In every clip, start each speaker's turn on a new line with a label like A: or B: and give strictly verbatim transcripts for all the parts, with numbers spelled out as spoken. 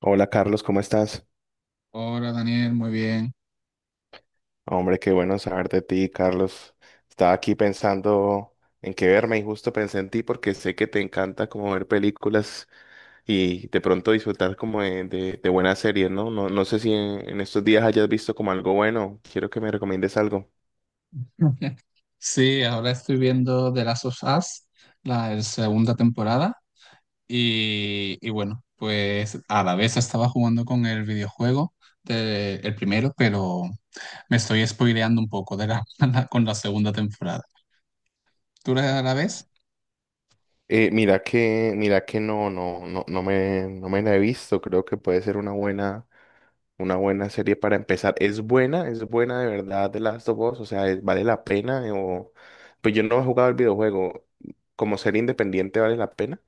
A: Hola Carlos, ¿cómo estás?
B: Hola Daniel, muy bien.
A: Hombre, qué bueno saber de ti, Carlos. Estaba aquí pensando en qué verme y justo pensé en ti porque sé que te encanta como ver películas y de pronto disfrutar como de, de- de buenas series, ¿no? No, no sé si en, en estos días hayas visto como algo bueno. Quiero que me recomiendes algo.
B: Sí, ahora estoy viendo The Last of Us, la segunda temporada, y, y bueno, pues a la vez estaba jugando con el videojuego del el primero, pero me estoy spoileando un poco de la, con la segunda temporada. ¿Tú la, la ves?
A: Eh, mira que, mira que no, no, no, no me, no me la he visto. Creo que puede ser una buena. Una buena serie para empezar. ¿Es buena? ¿Es buena de verdad The Last of Us? O sea, ¿es- ¿vale la pena? O... Pues yo no he jugado el videojuego. ¿Como serie independiente vale la pena?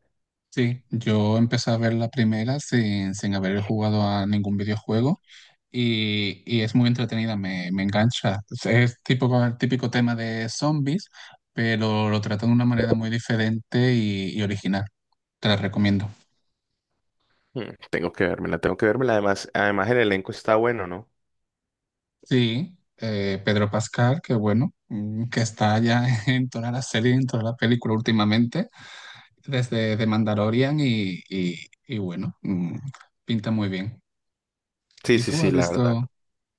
B: Sí, yo empecé a ver la primera sin, sin haber jugado a ningún videojuego. y, y es muy entretenida, me, me engancha. Es, es tipo con el típico tema de zombies, pero lo trata de una manera muy diferente y, y original. Te la recomiendo.
A: Mm, tengo que vérmela, tengo que vérmela. Además, además el elenco está bueno, ¿no?
B: Sí, eh, Pedro Pascal, que bueno, mm, que está ya en toda la serie, en toda la película últimamente, desde The Mandalorian y, y, y bueno, mm, pinta muy bien.
A: Sí,
B: ¿Y
A: sí,
B: tú
A: sí,
B: has
A: la verdad.
B: visto,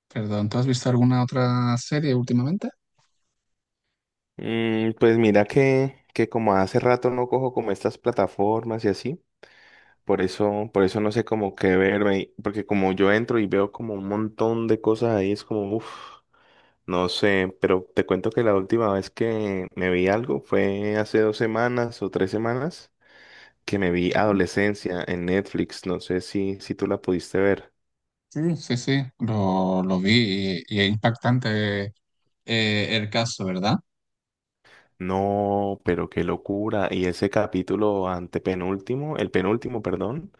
B: perdón, tú has visto alguna otra serie últimamente?
A: Mm, pues mira que, que como hace rato no cojo como estas plataformas y así, por eso, por eso no sé cómo qué verme, y- porque como yo entro y veo como un montón de cosas ahí, es como, uff. No sé, pero te cuento que la última vez que me vi algo fue hace dos semanas o tres semanas que me vi
B: Ujú.
A: Adolescencia en Netflix. No sé si, si tú la pudiste ver.
B: Sí, sí, sí, lo, lo vi y, y es impactante eh, el caso, ¿verdad?
A: No, pero qué locura. Y ese capítulo antepenúltimo, el penúltimo, perdón,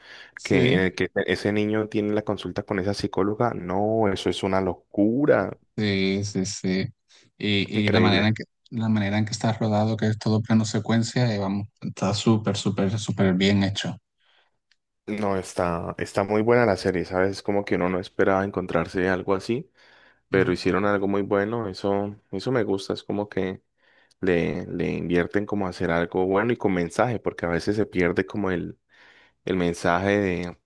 A: que en
B: Sí,
A: el que ese niño tiene la consulta con esa psicóloga, no, eso es una locura.
B: sí, sí, sí. Y, y la manera
A: Increíble.
B: en que, la manera en que está rodado, que es todo plano secuencia, eh, vamos, está súper, súper, súper bien hecho.
A: No, está, está muy buena la serie, ¿sabes? Como que uno no esperaba encontrarse algo así. Pero
B: Ujú.
A: hicieron algo muy bueno, eso, eso me gusta, es como que le, le invierten como a hacer algo bueno y con mensaje, porque a veces se pierde como el, el mensaje de,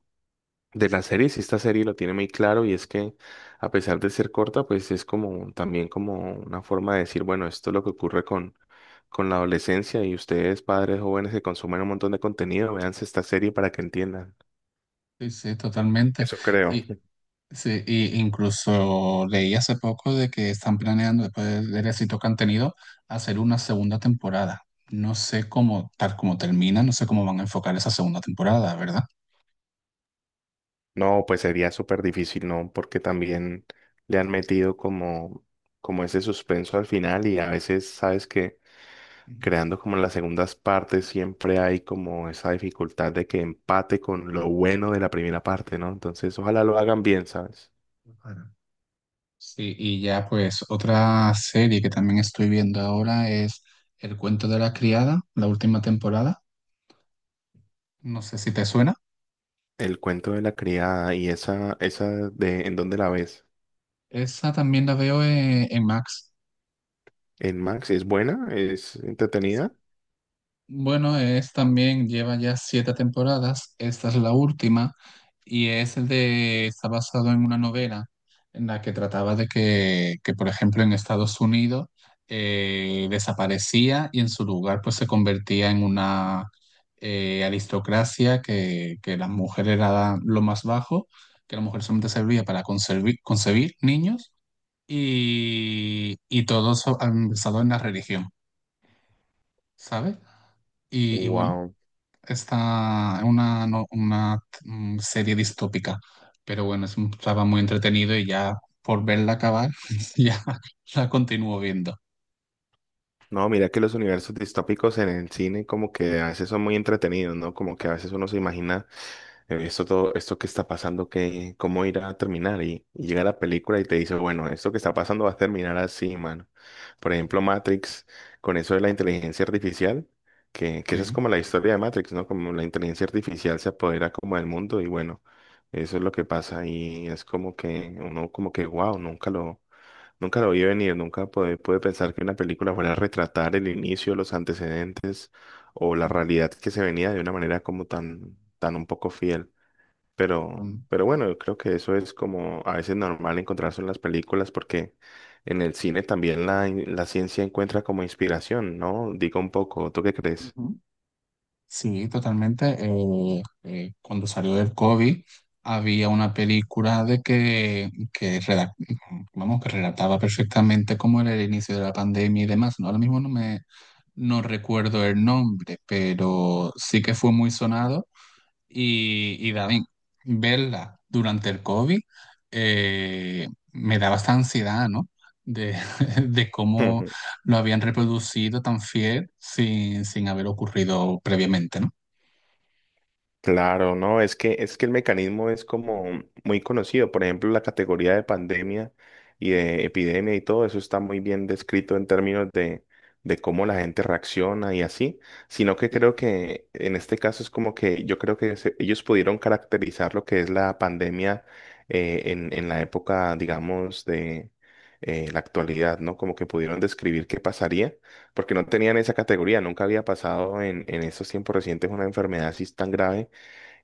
A: de la serie, si esta serie lo tiene muy claro y es que a pesar de ser corta, pues es como también como una forma de decir, bueno, esto es lo que ocurre con, con la adolescencia y ustedes padres jóvenes que consumen un montón de contenido, véanse esta serie para que entiendan.
B: Sí, sí, totalmente.
A: Eso creo.
B: Y, sí, y incluso leí hace poco de que están planeando, después del del éxito que han tenido, hacer una segunda temporada. No sé cómo, tal como termina, no sé cómo van a enfocar esa segunda temporada, ¿verdad?
A: No, pues sería súper difícil, ¿no? Porque también le han metido como, como ese suspenso al final y a veces, sabes que creando como las segundas partes siempre hay como esa dificultad de que empate con lo bueno de la primera parte, ¿no? Entonces, ojalá lo hagan bien, ¿sabes?
B: Claro. Sí, y ya pues otra serie que también estoy viendo ahora es El cuento de la criada, la última temporada. No sé si te suena.
A: El cuento de la criada y esa, esa de ¿en dónde la ves?
B: Esa también la veo eh, en Max.
A: ¿En Max? ¿Es buena? ¿Es entretenida?
B: Bueno, es también, lleva ya siete temporadas, esta es la última, y es de, está basado en una novela en la que trataba de que, que, por ejemplo, en Estados Unidos eh, desaparecía y en su lugar pues se convertía en una eh, aristocracia que, que la mujer era lo más bajo, que la mujer solamente servía para conservi- concebir niños y, y todo eso basado en la religión, ¿sabes? Y, y bueno.
A: Wow.
B: Está una, no- una mm, serie distópica, pero bueno, es un- estaba muy entretenido y ya por verla acabar, ya la continúo viendo.
A: No, mira que los universos distópicos en el cine como que a veces son muy entretenidos, ¿no? Como que a veces uno se imagina eh, esto, todo, esto que está pasando, ¿qué, cómo irá a terminar? Y, y llega la película y te dice, bueno, esto que está pasando va a terminar así, mano. Por ejemplo, Matrix, con eso de la inteligencia artificial, que, que esa es
B: Sí,
A: como la historia de Matrix, ¿no? Como la inteligencia artificial se apodera como del mundo y bueno, eso es lo que pasa y es como que uno como que, wow, nunca lo, nunca lo vi venir, nunca pude, pude pensar que una película fuera a retratar el inicio, los antecedentes o la realidad que se venía de una manera como tan, tan un poco fiel. Pero,
B: mm,
A: pero bueno, yo creo que eso es como a veces normal encontrarse en las películas porque en el cine también la, la ciencia encuentra como inspiración, ¿no? Digo un poco, ¿tú qué crees?
B: ujú. Sí, totalmente. Eh, eh, cuando salió el COVID, había una película de que, que, redac- vamos, que relataba perfectamente cómo era el inicio de la pandemia y demás. ¿No? Ahora mismo no me no recuerdo el nombre, pero sí que fue muy sonado. Y, y David, verla durante el COVID eh, me daba esta ansiedad, ¿no? De, de cómo lo habían reproducido tan fiel sin, sin haber ocurrido previamente, ¿no?
A: Claro, no, es que es que el mecanismo es como muy conocido. Por ejemplo, la categoría de pandemia y de epidemia y todo eso está muy bien descrito en términos de, de cómo la gente reacciona y así. Sino que creo que en este caso es como que yo creo que se- ellos pudieron caracterizar lo que es la pandemia eh, en, en la época, digamos, de eh, la actualidad, ¿no? Como que pudieron describir qué pasaría porque no tenían esa categoría, nunca había pasado en, en estos tiempos recientes una enfermedad así tan grave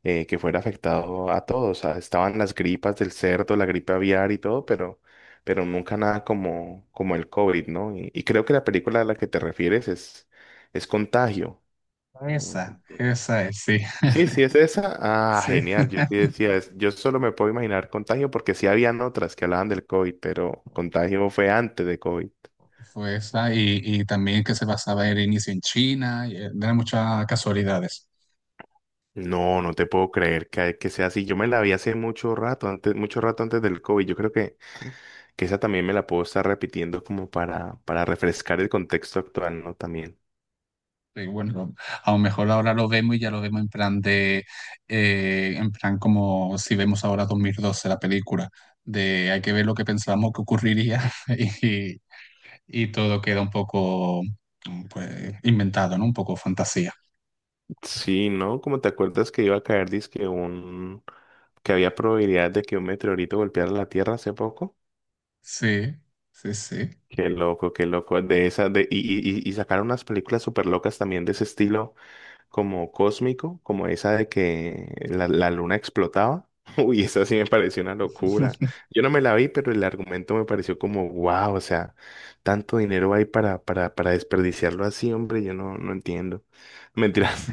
A: eh, que fuera afectado a todos. O sea, estaban las gripas del cerdo, la gripe aviar y todo, pero, pero nunca nada como, como el COVID, ¿no? Y, y creo que la película a la que te refieres es, es Contagio. Mm,
B: Esa, esa es, sí,
A: sí, sí, es esa. Ah,
B: sí.
A: genial. Yo sí decía, es- yo solo me puedo imaginar Contagio porque sí habían otras que hablaban del COVID, pero Contagio fue antes de COVID.
B: Fue esa, y, y también que se basaba el inicio en China, y eran muchas casualidades.
A: No, no te puedo creer que, que sea así. Yo me la vi hace mucho rato, antes, mucho rato antes del COVID. Yo creo que que esa también me la puedo estar repitiendo como para, para refrescar el contexto actual, ¿no? También.
B: Sí, bueno, a lo mejor ahora lo vemos y ya lo vemos en plan de, eh, en plan como si vemos ahora dos mil doce la película, de hay que ver lo que pensábamos que ocurriría y, y todo queda un poco pues, inventado, ¿no? Un poco fantasía.
A: Sí, ¿no? Como te acuerdas que iba a caer, dizque un, que había probabilidad de que un meteorito golpeara la Tierra hace poco.
B: Sí, sí, sí.
A: Qué loco, qué loco. De esas de, y, y, y y sacaron unas películas súper locas también de ese estilo. Como cósmico, como esa de que la, la luna explotaba. Uy, esa sí me pareció una locura. Yo no me la vi, pero el argumento me pareció como, wow, o sea, tanto dinero hay para, para, para desperdiciarlo así, hombre, yo no, no entiendo. Mentiras,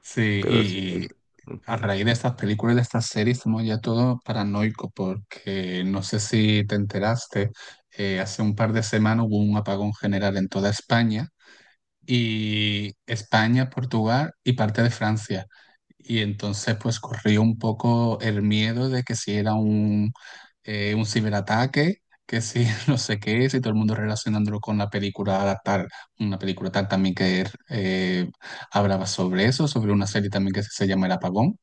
B: Sí,
A: pero sí.
B: y
A: Es-
B: a
A: ujú.
B: raíz de estas películas y de estas series somos ya todos paranoicos porque no sé si te enteraste, eh, hace un par de semanas hubo un apagón general en toda España y España, Portugal y parte de Francia. Y entonces pues corrió un poco el miedo de que si era un, eh, un ciberataque, que si no sé qué, si todo el mundo relacionándolo con la película tal, una película tal también que eh, hablaba sobre eso, sobre una serie también que se llama El Apagón.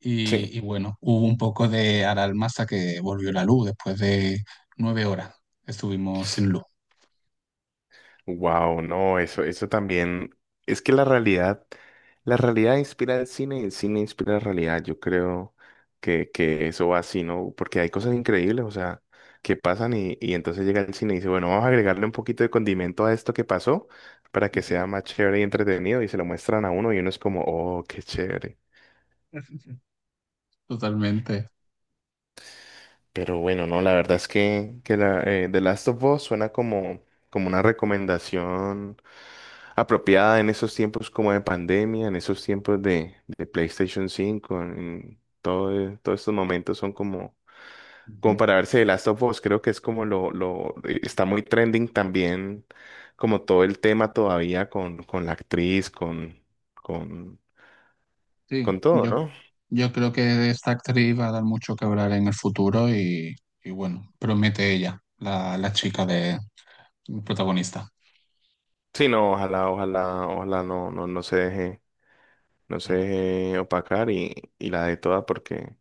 B: Y,
A: Sí.
B: y bueno, hubo un poco de alarma hasta que volvió la luz después de nueve horas. Estuvimos sin luz.
A: Wow, no, eso, eso también. Es que la realidad, la realidad inspira el cine y el cine inspira la realidad. Yo creo que, que eso va así, ¿no? Porque hay cosas increíbles, o sea, que pasan y, y entonces llega el cine y dice, bueno, vamos a agregarle un poquito de condimento a esto que pasó para que
B: Ujú.
A: sea más chévere y entretenido y se lo muestran a uno y uno es como, oh, qué chévere.
B: Totalmente.
A: Pero bueno, no, la verdad es que, que la, eh, The Last of Us suena como, como una recomendación apropiada en esos tiempos como de pandemia, en esos tiempos de, de PlayStation cinco en todo, eh, todos estos momentos son como, como
B: Ujú.
A: para verse The Last of Us, creo que es como lo, lo, eh, está muy trending también, como todo el tema todavía con, con la actriz, con, con,
B: Sí,
A: con todo,
B: yo,
A: ¿no?
B: yo creo que de esta actriz va a dar mucho que hablar en el futuro y, y bueno, promete ella, la, la chica de protagonista.
A: Sí, no, ojalá, ojalá, ojalá no, no, no se deje. No se
B: Mm.
A: deje opacar y, y la de toda porque,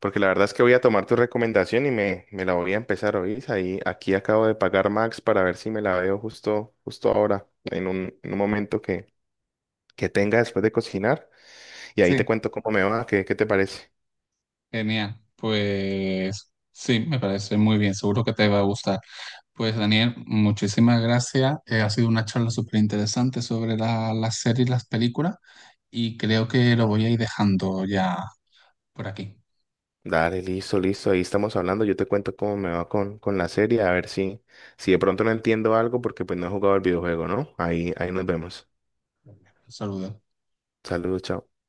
A: porque la verdad es que voy a tomar tu recomendación y me, me la voy a empezar a oír. Ahí, aquí acabo de pagar Max para ver si me la veo justo, justo ahora, en un, en un momento que, que tenga después de cocinar. Y ahí te
B: Sí,
A: cuento cómo me va, qué, qué te parece.
B: genial. Pues sí, me parece muy bien. Seguro que te va a gustar. Pues Daniel, muchísimas gracias. Eh, ha sido una charla súper interesante sobre la- las series y las películas y creo que lo voy a ir dejando ya por aquí.
A: Dale, listo, listo, ahí estamos hablando. Yo te cuento cómo me va con, con la serie, a ver si, si de pronto no entiendo algo porque pues no he jugado el videojuego, ¿no? Ahí, ahí nos vemos.
B: Un saludo.
A: Saludos, chao.